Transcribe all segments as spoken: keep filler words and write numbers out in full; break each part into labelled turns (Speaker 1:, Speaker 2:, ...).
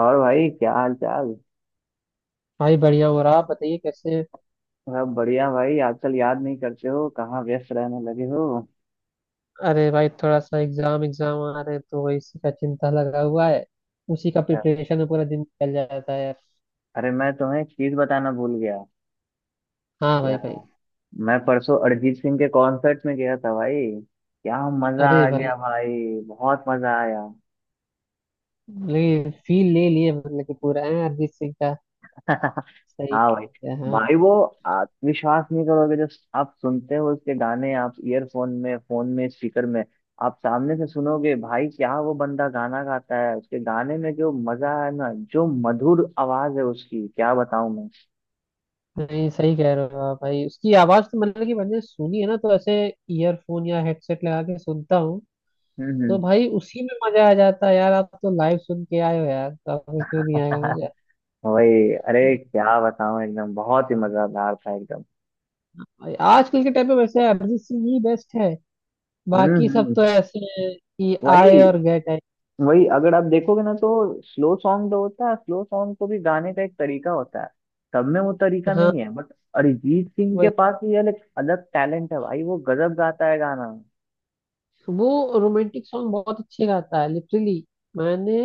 Speaker 1: और भाई क्या हाल चाल।
Speaker 2: भाई बढ़िया हो रहा आप बताइए कैसे।
Speaker 1: सब बढ़िया भाई। आजकल याद नहीं करते हो, कहाँ व्यस्त रहने लगे हो?
Speaker 2: अरे भाई थोड़ा सा एग्जाम एग्जाम आ रहे हैं तो वही इसी का चिंता लगा हुआ है। उसी का
Speaker 1: क्या?
Speaker 2: प्रिपरेशन में पूरा दिन निकल जाता है यार।
Speaker 1: अरे मैं तुम्हें एक चीज बताना भूल गया।
Speaker 2: हाँ
Speaker 1: क्या।
Speaker 2: भाई भाई
Speaker 1: मैं परसों अरिजीत सिंह के कॉन्सर्ट में गया था भाई। क्या मजा
Speaker 2: अरे
Speaker 1: आ
Speaker 2: भाई,
Speaker 1: गया भाई, बहुत मजा आया।
Speaker 2: लेकिन फील ले लिए मतलब कि पूरा है अरिजीत सिंह का। सही
Speaker 1: हाँ भाई
Speaker 2: है, हाँ।
Speaker 1: भाई। वो, आप विश्वास नहीं करोगे, जो आप सुनते हो उसके गाने आप ईयरफोन में, फोन में, स्पीकर में, आप सामने से सुनोगे भाई, क्या वो बंदा गाना गाता है। उसके गाने में जो मजा है ना, जो मधुर आवाज है उसकी, क्या बताऊं मैं।
Speaker 2: नहीं सही कह रहे हो आप भाई, उसकी आवाज तो मतलब कि मैंने सुनी है ना, तो ऐसे ईयरफोन या हेडसेट लगा के सुनता हूँ।
Speaker 1: हम्म
Speaker 2: तो
Speaker 1: हम्म।
Speaker 2: भाई उसी में मजा आ जाता है यार, आप तो लाइव सुन के आए हो यार, तो आपको क्यों नहीं आएगा मजा।
Speaker 1: वही, अरे क्या बताऊं, एकदम बहुत ही मजेदार था एकदम।
Speaker 2: आजकल के टाइम पे वैसे अरिजीत सिंह ही बेस्ट है।
Speaker 1: हम्म
Speaker 2: बाकी सब
Speaker 1: हम्म,
Speaker 2: तो ऐसे हैं कि
Speaker 1: वही
Speaker 2: आए और गए टाइप।
Speaker 1: वही। अगर आप देखोगे ना तो स्लो सॉन्ग तो होता है, स्लो सॉन्ग को भी गाने का एक तरीका होता है। सब में वो तरीका
Speaker 2: हाँ।
Speaker 1: नहीं है, बट अरिजीत सिंह के
Speaker 2: वही।
Speaker 1: पास भी अलग अलग टैलेंट है भाई, वो गजब गाता है गाना।
Speaker 2: वो रोमांटिक सॉन्ग बहुत अच्छे गाता है, लिटरली। मैंने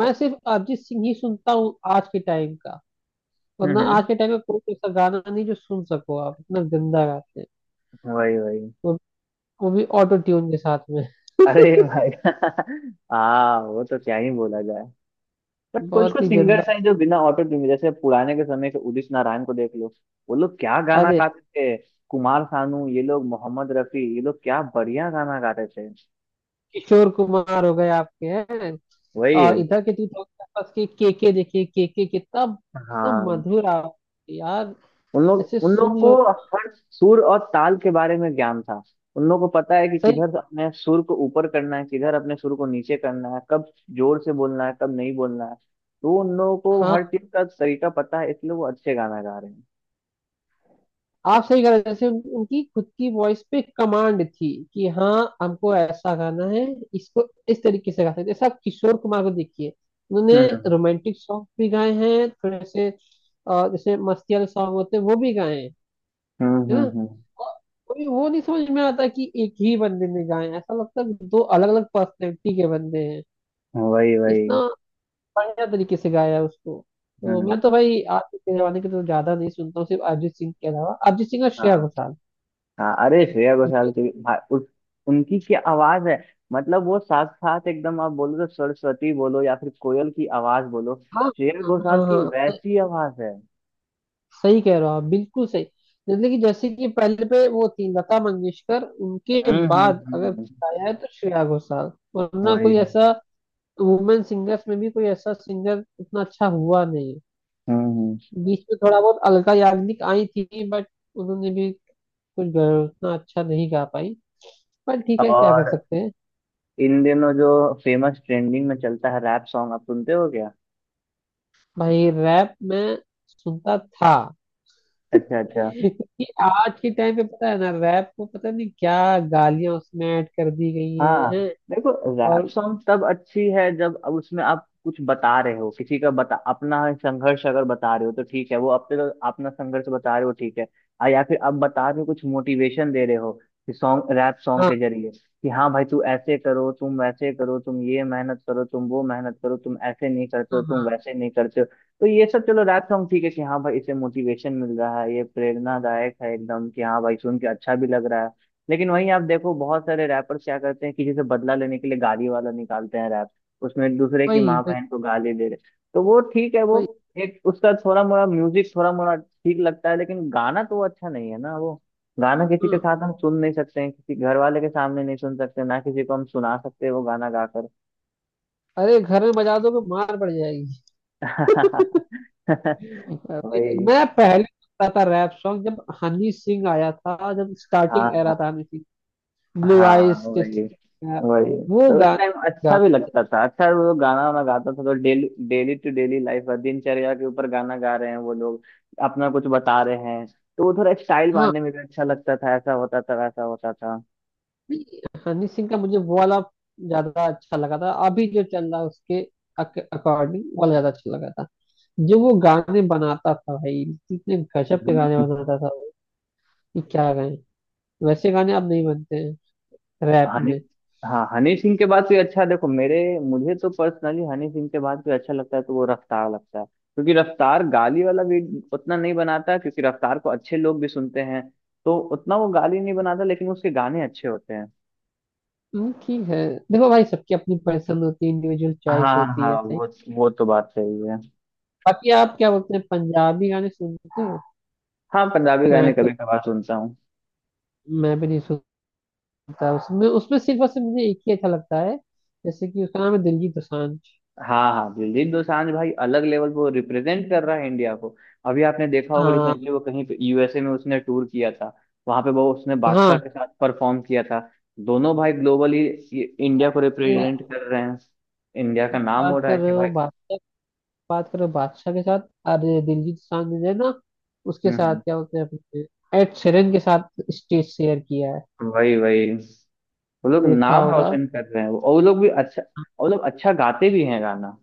Speaker 2: मैं सिर्फ अरिजीत सिंह ही सुनता हूँ आज के टाइम का।
Speaker 1: हम्म
Speaker 2: वरना
Speaker 1: हम्म,
Speaker 2: आज के टाइम में कोई ऐसा गाना नहीं जो सुन सको, आप इतना गंदा गाते हैं।
Speaker 1: वही वही।
Speaker 2: वो, वो भी ऑटो ट्यून के साथ में।
Speaker 1: अरे भाई हाँ, वो तो क्या ही बोला जाए। बट कुछ
Speaker 2: बहुत
Speaker 1: कुछ
Speaker 2: ही गंदा।
Speaker 1: सिंगर्स हैं जो बिना ऑटो ट्यून के- जैसे पुराने के समय के उदित नारायण को देख लो, वो लोग क्या गाना
Speaker 2: अरे
Speaker 1: गाते थे। कुमार सानू ये लोग, मोहम्मद रफी ये लोग, क्या बढ़िया गाना गाते थे।
Speaker 2: किशोर कुमार हो गए आपके हैं। और
Speaker 1: वही।
Speaker 2: इधर के टू थाउजेंड आसपास के के के देखिए के के कितना कितना
Speaker 1: हाँ,
Speaker 2: मधुर आवाज है यार।
Speaker 1: उन लोग
Speaker 2: ऐसे
Speaker 1: उन लोग
Speaker 2: सुन
Speaker 1: को
Speaker 2: लो।
Speaker 1: हर सुर और ताल के बारे में ज्ञान था। उन लोग को पता है कि
Speaker 2: सही।
Speaker 1: किधर अपने सुर को ऊपर करना है, किधर अपने सुर को नीचे करना है, कब जोर से बोलना है, कब नहीं बोलना है। तो उन लोगों को हर
Speaker 2: हाँ
Speaker 1: चीज का तरीका पता है, इसलिए वो अच्छे गाना गा रहे हैं।
Speaker 2: आप सही कह रहे हो, जैसे उन, उनकी खुद की वॉइस पे कमांड थी कि हाँ हमको ऐसा गाना है, इसको इस तरीके से गा सकते हैं। जैसे आप किशोर कुमार को देखिए, उन्होंने
Speaker 1: हम्म
Speaker 2: रोमांटिक सॉन्ग भी गाए हैं थोड़े से। अ, जैसे मस्ती वाले सॉन्ग होते हैं वो भी गाए हैं।
Speaker 1: हम्म
Speaker 2: है ना।
Speaker 1: हम्म
Speaker 2: और कोई वो नहीं समझ में आता कि एक ही बंदे ने गाए हैं। ऐसा लगता है दो अलग अलग पर्सनैलिटी के बंदे हैं।
Speaker 1: हम्म, वही वही।
Speaker 2: इतना बढ़िया तरीके से गाया है उसको। तो
Speaker 1: हम्म
Speaker 2: मैं तो भाई आज के जमाने के तो ज्यादा नहीं सुनता हूँ, सिर्फ अरिजीत सिंह के अलावा, अरिजीत सिंह और श्रेया
Speaker 1: हाँ
Speaker 2: घोषाल।
Speaker 1: हाँ, अरे श्रेया घोषाल
Speaker 2: ये-
Speaker 1: की भा- उस, उनकी क्या आवाज है। मतलब वो साथ साथ एकदम, आप बोलो तो सरस्वती बोलो या फिर कोयल की आवाज बोलो,
Speaker 2: हाँ,
Speaker 1: श्रेया
Speaker 2: हाँ,
Speaker 1: घोषाल
Speaker 2: हाँ,
Speaker 1: की
Speaker 2: हाँ, सही।
Speaker 1: वैसी आवाज है।
Speaker 2: सही कह रहे हो आप, बिल्कुल सही। लेकिन जैसे कि पहले पे वो थी लता मंगेशकर, उनके
Speaker 1: हम्म हम्म
Speaker 2: बाद अगर
Speaker 1: हम्म,
Speaker 2: गाया है तो श्रेया घोषाल, वरना
Speaker 1: वही
Speaker 2: कोई
Speaker 1: वही।
Speaker 2: ऐसा वुमेन सिंगर्स में भी कोई ऐसा सिंगर उतना अच्छा हुआ नहीं है।
Speaker 1: हम्म हम्म।
Speaker 2: बीच में थोड़ा बहुत अलका याग्निक आई थी, बट उन्होंने भी कुछ गा- उतना अच्छा नहीं गा पाई। पर ठीक है, क्या कर
Speaker 1: और
Speaker 2: सकते हैं।
Speaker 1: इन दिनों जो फेमस ट्रेंडिंग में चलता है रैप सॉन्ग, आप सुनते हो क्या?
Speaker 2: भाई रैप में सुनता था।
Speaker 1: अच्छा अच्छा।
Speaker 2: क्योंकि आज के टाइम पे पता है ना रैप को पता नहीं क्या गालियां उसमें ऐड कर दी गई हैं,
Speaker 1: हाँ
Speaker 2: हैं?
Speaker 1: देखो, रैप
Speaker 2: और
Speaker 1: सॉन्ग तब अच्छी है जब अब उसमें आप कुछ बता रहे हो, किसी का बता, अपना संघर्ष अगर बता रहे हो तो ठीक है, वो अपने तो अपना संघर्ष बता रहे हो ठीक है। आ, या फिर आप बता रहे हो, कुछ मोटिवेशन दे रहे हो कि सॉन्ग, रैप सॉन्ग
Speaker 2: हाँ,
Speaker 1: के जरिए, कि हाँ भाई तू ऐसे करो, तुम वैसे करो, तुम ये मेहनत करो, तुम वो मेहनत करो, तुम ऐसे नहीं करते हो,
Speaker 2: हाँ,
Speaker 1: तुम
Speaker 2: हाँ,
Speaker 1: वैसे नहीं करते हो। तो ये सब चलो रैप सॉन्ग ठीक है कि हाँ भाई इसे मोटिवेशन मिल रहा है, ये प्रेरणादायक है एकदम, कि हाँ भाई सुन के अच्छा भी लग रहा है। लेकिन वहीं आप देखो, बहुत सारे रैपर्स क्या करते हैं कि जैसे बदला लेने के लिए गाली वाला निकालते हैं रैप, उसमें एक दूसरे की
Speaker 2: वही,
Speaker 1: माँ
Speaker 2: वही,
Speaker 1: बहन को गाली दे रहे। तो वो ठीक है, वो
Speaker 2: वही।
Speaker 1: एक उसका थोड़ा मोड़ा म्यूजिक थोड़ा मोड़ा ठीक लगता है, लेकिन गाना तो वो अच्छा नहीं है ना वो। गाना किसी के साथ
Speaker 2: हाँ
Speaker 1: हम सुन नहीं सकते हैं, किसी घर वाले के सामने नहीं सुन सकते ना, किसी को हम सुना सकते हैं वो गाना गाकर।
Speaker 2: अरे घर में बजा दोगे मार पड़ जाएगी। अरे,
Speaker 1: वही।
Speaker 2: मैं पहले सुनता था रैप सॉन्ग जब हनी सिंह आया था, जब
Speaker 1: हाँ
Speaker 2: स्टार्टिंग
Speaker 1: हाँ
Speaker 2: एरा था हनी सिंह, ब्लू
Speaker 1: हाँ।
Speaker 2: आइज,
Speaker 1: वही वही।
Speaker 2: वो
Speaker 1: तो उस
Speaker 2: गाना।
Speaker 1: टाइम अच्छा
Speaker 2: गा,
Speaker 1: भी लगता था, अच्छा वो गाना वाना गाता था तो daily daily to daily life, दिनचर्या के ऊपर गाना गा रहे हैं वो लोग, अपना कुछ बता रहे हैं। तो वो थोड़ा स्टाइल मारने में भी अच्छा लगता था, ऐसा होता था वैसा होता था।
Speaker 2: नहीं, हनी सिंह का मुझे वो वाला ज्यादा अच्छा लगा था, अभी जो चल रहा है उसके अकॉर्डिंग वाला ज्यादा अच्छा लगा था। जो वो गाने बनाता था भाई, इतने गजब के
Speaker 1: हम्म।
Speaker 2: गाने बनाता था वो, कि क्या गाए। वैसे गाने अब नहीं बनते हैं रैप
Speaker 1: हनी,
Speaker 2: में।
Speaker 1: हाँ हनी सिंह के बाद भी अच्छा देखो, मेरे, मुझे तो पर्सनली हनी सिंह के बाद भी अच्छा लगता है, तो वो रफ्तार लगता है, क्योंकि रफ्तार गाली वाला भी उतना नहीं बनाता है, क्योंकि रफ्तार को अच्छे लोग भी सुनते हैं, तो उतना वो गाली नहीं बनाता, लेकिन उसके गाने अच्छे होते हैं।
Speaker 2: हम्म, ठीक है। देखो भाई सबकी अपनी पसंद होती है, इंडिविजुअल चॉइस
Speaker 1: हाँ
Speaker 2: होती
Speaker 1: हाँ,
Speaker 2: है। सही।
Speaker 1: वो वो तो बात सही है।
Speaker 2: बाकी आप क्या बोलते हैं, पंजाबी गाने सुनते हो।
Speaker 1: हाँ पंजाबी
Speaker 2: मैं
Speaker 1: गाने
Speaker 2: तो,
Speaker 1: कभी कभार सुनता हूँ।
Speaker 2: मैं भी नहीं सुनता उसमें। उसमें सिर्फ और सिर्फ मुझे एक ही अच्छा लगता है, जैसे कि उसका नाम है दिलजीत दोसांझ।
Speaker 1: हाँ हाँ, दिलजीत दोसांझ भाई अलग लेवल पर रिप्रेजेंट कर रहा है इंडिया को। अभी आपने देखा होगा
Speaker 2: हाँ
Speaker 1: रिसेंटली, वो कहीं पे यूएसए में उसने टूर किया था। वहां पे वो उसने बादशाह
Speaker 2: हाँ।
Speaker 1: के साथ परफॉर्म किया था। दोनों भाई ग्लोबली इंडिया को
Speaker 2: ये
Speaker 1: रिप्रेजेंट कर रहे हैं। इंडिया का नाम हो
Speaker 2: बात
Speaker 1: रहा
Speaker 2: कर
Speaker 1: है कि
Speaker 2: रहे हो
Speaker 1: भाई।
Speaker 2: बादशाह, बात कर रहे हो बादशाह के साथ। अरे दिलजीत सांझ ने ना उसके
Speaker 1: हम्म
Speaker 2: साथ
Speaker 1: हम्म,
Speaker 2: क्या बोलते हैं अपने, एड शेरन के साथ स्टेज शेयर किया है,
Speaker 1: वही वही। वो लोग
Speaker 2: देखा
Speaker 1: नाम
Speaker 2: होगा।
Speaker 1: रोशन कर रहे हैं, और वो लोग भी अच्छा, वो लोग अच्छा गाते भी हैं गाना।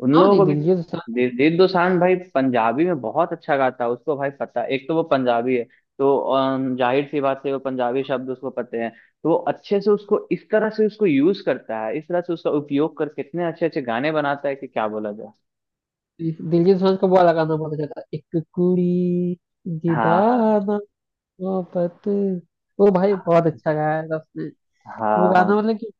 Speaker 1: उन
Speaker 2: हाँ
Speaker 1: लोगों को
Speaker 2: नहीं,
Speaker 1: भी
Speaker 2: दिलजीत सांझ,
Speaker 1: दे, दीप दोसांझ भाई पंजाबी में बहुत अच्छा गाता है। उसको भाई पता है, एक तो वो पंजाबी है, तो अम, जाहिर सी बात है वो पंजाबी शब्द उसको पते हैं। तो वो अच्छे से उसको इस तरह से उसको यूज करता है, इस तरह से उसका उपयोग करके इतने अच्छे अच्छे गाने बनाता है कि क्या बोला जाए।
Speaker 2: दिलजीत सांझ का वो वाला गाना बहुत अच्छा था, एक कुड़ी,
Speaker 1: हाँ हाँ।
Speaker 2: दीदाना, मोहब्बत, वो भाई बहुत
Speaker 1: हाँ
Speaker 2: अच्छा गाया था उसने। वो
Speaker 1: हाँ हाँ,
Speaker 2: गाना मतलब कि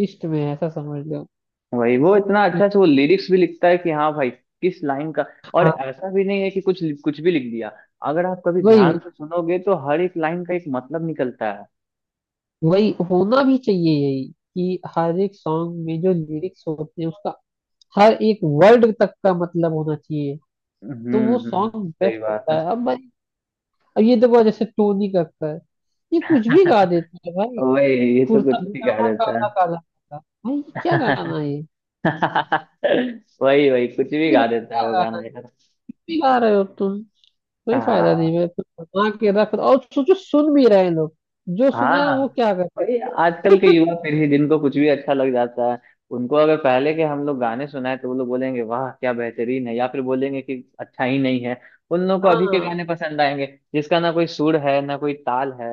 Speaker 2: लिस्ट में है, ऐसा समझ लो।
Speaker 1: वही। वो इतना अच्छा से वो लिरिक्स भी लिखता है कि हाँ भाई, किस लाइन का, और
Speaker 2: हाँ,
Speaker 1: ऐसा भी नहीं है कि कुछ कुछ भी लिख दिया। अगर आप कभी
Speaker 2: वही,
Speaker 1: ध्यान
Speaker 2: वही।
Speaker 1: से सुनोगे तो हर एक लाइन का एक मतलब निकलता है।
Speaker 2: वही होना भी चाहिए, यही कि हर एक सॉन्ग में जो लिरिक्स होते हैं उसका हर एक वर्ड तक का मतलब होना चाहिए।
Speaker 1: हम्म
Speaker 2: तो वो
Speaker 1: हम्म,
Speaker 2: सॉन्ग
Speaker 1: सही
Speaker 2: बेस्ट
Speaker 1: बात है।
Speaker 2: होता है अब भाई। अब ये देखो जैसे टोनी करता है, ये कुछ भी गा देता है भाई।
Speaker 1: वही, ये तो
Speaker 2: कुर्ता
Speaker 1: कुछ भी गा
Speaker 2: पजामा
Speaker 1: देता है।
Speaker 2: काला काला काला। भाई ये क्या गाना है ये।
Speaker 1: वही वही, कुछ भी
Speaker 2: ये
Speaker 1: गा
Speaker 2: मतलब
Speaker 1: देता है
Speaker 2: क्या
Speaker 1: वो
Speaker 2: गाना
Speaker 1: गाना यार।
Speaker 2: भी गा रहे हो तुम, कोई फायदा नहीं
Speaker 1: हाँ।
Speaker 2: है, तुम बना के रख और सोचो, सुन भी रहे हैं लोग। जो सुने वो
Speaker 1: हाँ
Speaker 2: क्या कर।
Speaker 1: वही, आजकल के युवा पीढ़ी जिनको कुछ भी अच्छा लग जाता है, उनको अगर पहले के हम लोग गाने सुनाए तो वो लोग बोलेंगे वाह क्या बेहतरीन है, या फिर बोलेंगे कि अच्छा ही नहीं है। उन लोगों को अभी के
Speaker 2: हाँ।
Speaker 1: गाने पसंद आएंगे, जिसका ना कोई सुर है ना कोई ताल है।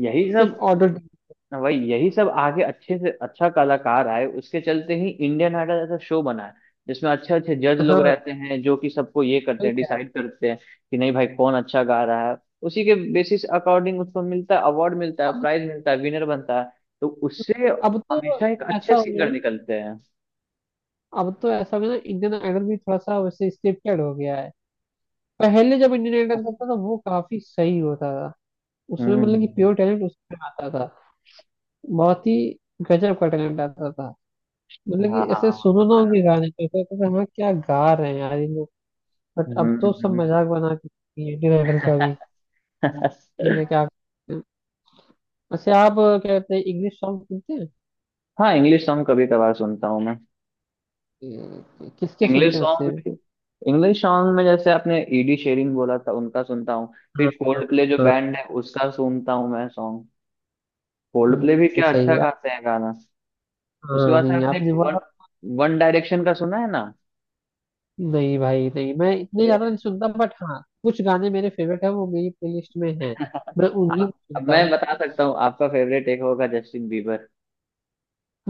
Speaker 1: यही
Speaker 2: सिर्फ
Speaker 1: सब।
Speaker 2: ऑडिट।
Speaker 1: वही यही सब आगे अच्छे से अच्छा कलाकार आए उसके चलते ही इंडियन आइडल ऐसा शो बना है, जिसमें अच्छे अच्छे जज लोग
Speaker 2: हाँ
Speaker 1: रहते हैं जो कि सबको ये करते
Speaker 2: ठीक
Speaker 1: हैं,
Speaker 2: है।
Speaker 1: डिसाइड करते हैं कि नहीं भाई कौन अच्छा गा रहा है। उसी के बेसिस अकॉर्डिंग उसको मिलता है, अवार्ड मिलता है,
Speaker 2: अब
Speaker 1: प्राइज मिलता है, विनर बनता है। तो उससे
Speaker 2: अब तो
Speaker 1: हमेशा एक
Speaker 2: ऐसा
Speaker 1: अच्छे
Speaker 2: हो
Speaker 1: सिंगर
Speaker 2: गया
Speaker 1: निकलते हैं।
Speaker 2: अब तो ऐसा हो गया ना, इंडियन आइडल भी थोड़ा सा वैसे स्क्रिप्टेड हो गया है। पहले जब इंडियन आइडल करता था तो वो काफी सही होता था। उसमें मतलब कि
Speaker 1: हम्म।
Speaker 2: प्योर टैलेंट उसमें आता था। बहुत ही गजब का टैलेंट आता था। मतलब कि
Speaker 1: हाँ हाँ
Speaker 2: ऐसे
Speaker 1: वो तो
Speaker 2: सुनो ना
Speaker 1: है।
Speaker 2: उनके गाने पे तो ऐसा लगता था, हाँ क्या गा रहे हैं यार ये लोग। बट अब तो
Speaker 1: हम्म
Speaker 2: सब मजाक बना के इंडियन आइडल का भी। ठीक
Speaker 1: हम्म।
Speaker 2: है क्या। वैसे आप क्या कहते हैं, इंग्लिश सॉन्ग सुनते हैं।
Speaker 1: हाँ इंग्लिश सॉन्ग कभी कभार सुनता हूँ मैं।
Speaker 2: कि- किसके
Speaker 1: इंग्लिश
Speaker 2: सुनते हैं
Speaker 1: सॉन्ग
Speaker 2: वैसे।
Speaker 1: में, इंग्लिश सॉन्ग में जैसे आपने ईडी शेरिंग बोला था उनका सुनता हूँ,
Speaker 2: हाँ,
Speaker 1: फिर
Speaker 2: हाँ,
Speaker 1: कोल्ड प्ले जो
Speaker 2: हाँ,
Speaker 1: बैंड है उसका सुनता हूँ मैं सॉन्ग। कोल्ड
Speaker 2: हाँ,
Speaker 1: प्ले भी
Speaker 2: ये
Speaker 1: क्या अच्छा
Speaker 2: सही है।
Speaker 1: गाते हैं गाना। उसके
Speaker 2: हाँ
Speaker 1: बाद से
Speaker 2: नहीं
Speaker 1: आपने
Speaker 2: आपने
Speaker 1: वन,
Speaker 2: बोला।
Speaker 1: वन डायरेक्शन का सुना है ना।
Speaker 2: नहीं भाई नहीं, मैं इतने ज्यादा
Speaker 1: अरे,
Speaker 2: नहीं सुनता, बट हाँ कुछ गाने मेरे फेवरेट है, वो मेरी प्लेलिस्ट में है। मैं उन्हीं
Speaker 1: आप-
Speaker 2: को
Speaker 1: अब
Speaker 2: सुनता
Speaker 1: मैं
Speaker 2: हूँ।
Speaker 1: बता सकता हूँ आपका फेवरेट एक होगा जस्टिन बीबर।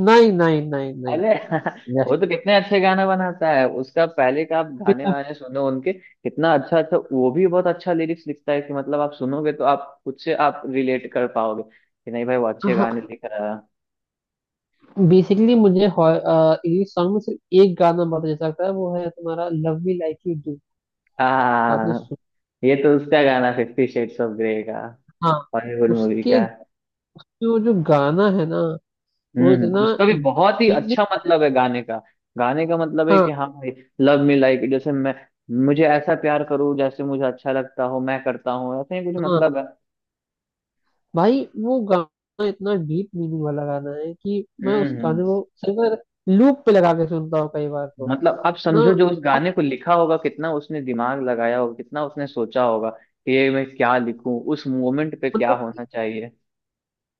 Speaker 2: नहीं, नहीं, नहीं, नहीं,
Speaker 1: अरे वो
Speaker 2: जस्ट।
Speaker 1: तो कितने अच्छे गाना बनाता है। उसका पहले का आप गाने वाने सुनो उनके, कितना अच्छा अच्छा, वो भी बहुत अच्छा लिरिक्स लिखता है कि मतलब आप सुनोगे तो आप खुद से आप रिलेट कर पाओगे कि नहीं भाई वो अच्छे गाने
Speaker 2: हाँ
Speaker 1: लिख रहा है।
Speaker 2: बेसिकली मुझे इंग्लिश सॉन्ग में सिर्फ एक गाना बहुत अच्छा लगता है, वो है तुम्हारा love me like you do. आपने
Speaker 1: हाँ।
Speaker 2: सुना।
Speaker 1: ये तो उसका गाना फिफ्टी शेड्स ऑफ ग्रे का,
Speaker 2: हाँ।
Speaker 1: हॉलीवुड मूवी
Speaker 2: उसके
Speaker 1: का।
Speaker 2: जो जो गाना है ना, वो
Speaker 1: हम्म
Speaker 2: इतना
Speaker 1: हम्म, उसका भी बहुत ही
Speaker 2: मीनिंग।
Speaker 1: अच्छा मतलब है गाने का। गाने का मतलब है
Speaker 2: हाँ
Speaker 1: कि हाँ भाई, लव मी लाइक, जैसे मैं, मुझे ऐसा प्यार करो जैसे मुझे अच्छा लगता हो मैं करता हूँ, ऐसे ही कुछ मतलब
Speaker 2: हाँ
Speaker 1: है।
Speaker 2: भाई वो गाना इतना डीप मीनिंग वाला गाना है कि मैं उस
Speaker 1: हम्म
Speaker 2: गाने
Speaker 1: हम्म।
Speaker 2: को सिर्फ लूप पे लगा के सुनता हूँ कई बार तो।
Speaker 1: मतलब आप
Speaker 2: हाँ
Speaker 1: समझो जो उस
Speaker 2: और
Speaker 1: गाने को लिखा होगा, कितना उसने दिमाग लगाया होगा, कितना उसने सोचा होगा कि ये मैं क्या लिखूं, उस मोमेंट पे क्या
Speaker 2: मतलब
Speaker 1: होना चाहिए।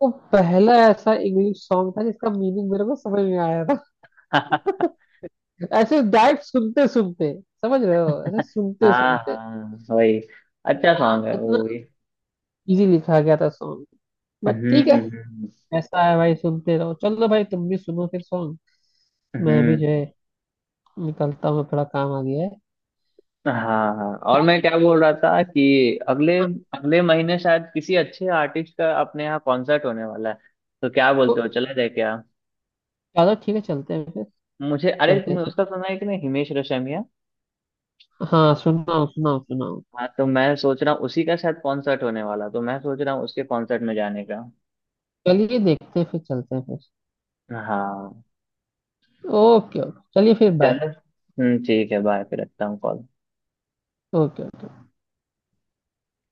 Speaker 2: वो पहला ऐसा इंग्लिश सॉन्ग था जिसका मीनिंग मेरे को समझ में आया था।
Speaker 1: हाँ।
Speaker 2: ऐसे डायरेक्ट सुनते सुनते समझ रहे हो, ऐसे सुनते सुनते
Speaker 1: हाँ वही, अच्छा सॉन्ग है
Speaker 2: इतना
Speaker 1: वो भी।
Speaker 2: इजी लिखा गया था सॉन्ग। बट ठीक है,
Speaker 1: हम्म
Speaker 2: ऐसा है भाई सुनते रहो, चलो भाई तुम भी सुनो फिर सॉन्ग।
Speaker 1: हम्म
Speaker 2: मैं भी जो
Speaker 1: हम्म,
Speaker 2: है निकलता हूँ, थोड़ा काम आ गया है।
Speaker 1: हाँ हाँ। और मैं क्या बोल रहा था कि अगले,
Speaker 2: हाँ,
Speaker 1: अगले महीने शायद किसी अच्छे आर्टिस्ट का अपने यहाँ कॉन्सर्ट होने वाला है। तो क्या
Speaker 2: तो
Speaker 1: बोलते हो, चला जाए क्या?
Speaker 2: चलो ठीक है, चलते हैं फिर।
Speaker 1: मुझे, अरे
Speaker 2: चलते हैं,
Speaker 1: तुमने
Speaker 2: चलते।
Speaker 1: उसका सुना है कि नहीं, हिमेश रेशमिया।
Speaker 2: हाँ सुनाओ, सुनाओ, सुनाओ।
Speaker 1: हाँ तो मैं सोच रहा हूँ उसी का शायद कॉन्सर्ट होने वाला, तो मैं सोच रहा हूँ उसके कॉन्सर्ट में जाने का।
Speaker 2: चलिए देखते हैं, फिर चलते हैं फिर।
Speaker 1: हाँ।
Speaker 2: ओके, ओके, चलिए फिर बाय।
Speaker 1: चलो। हम्म ठीक है, बाय फिर, रखता हूँ कॉल।
Speaker 2: ओके।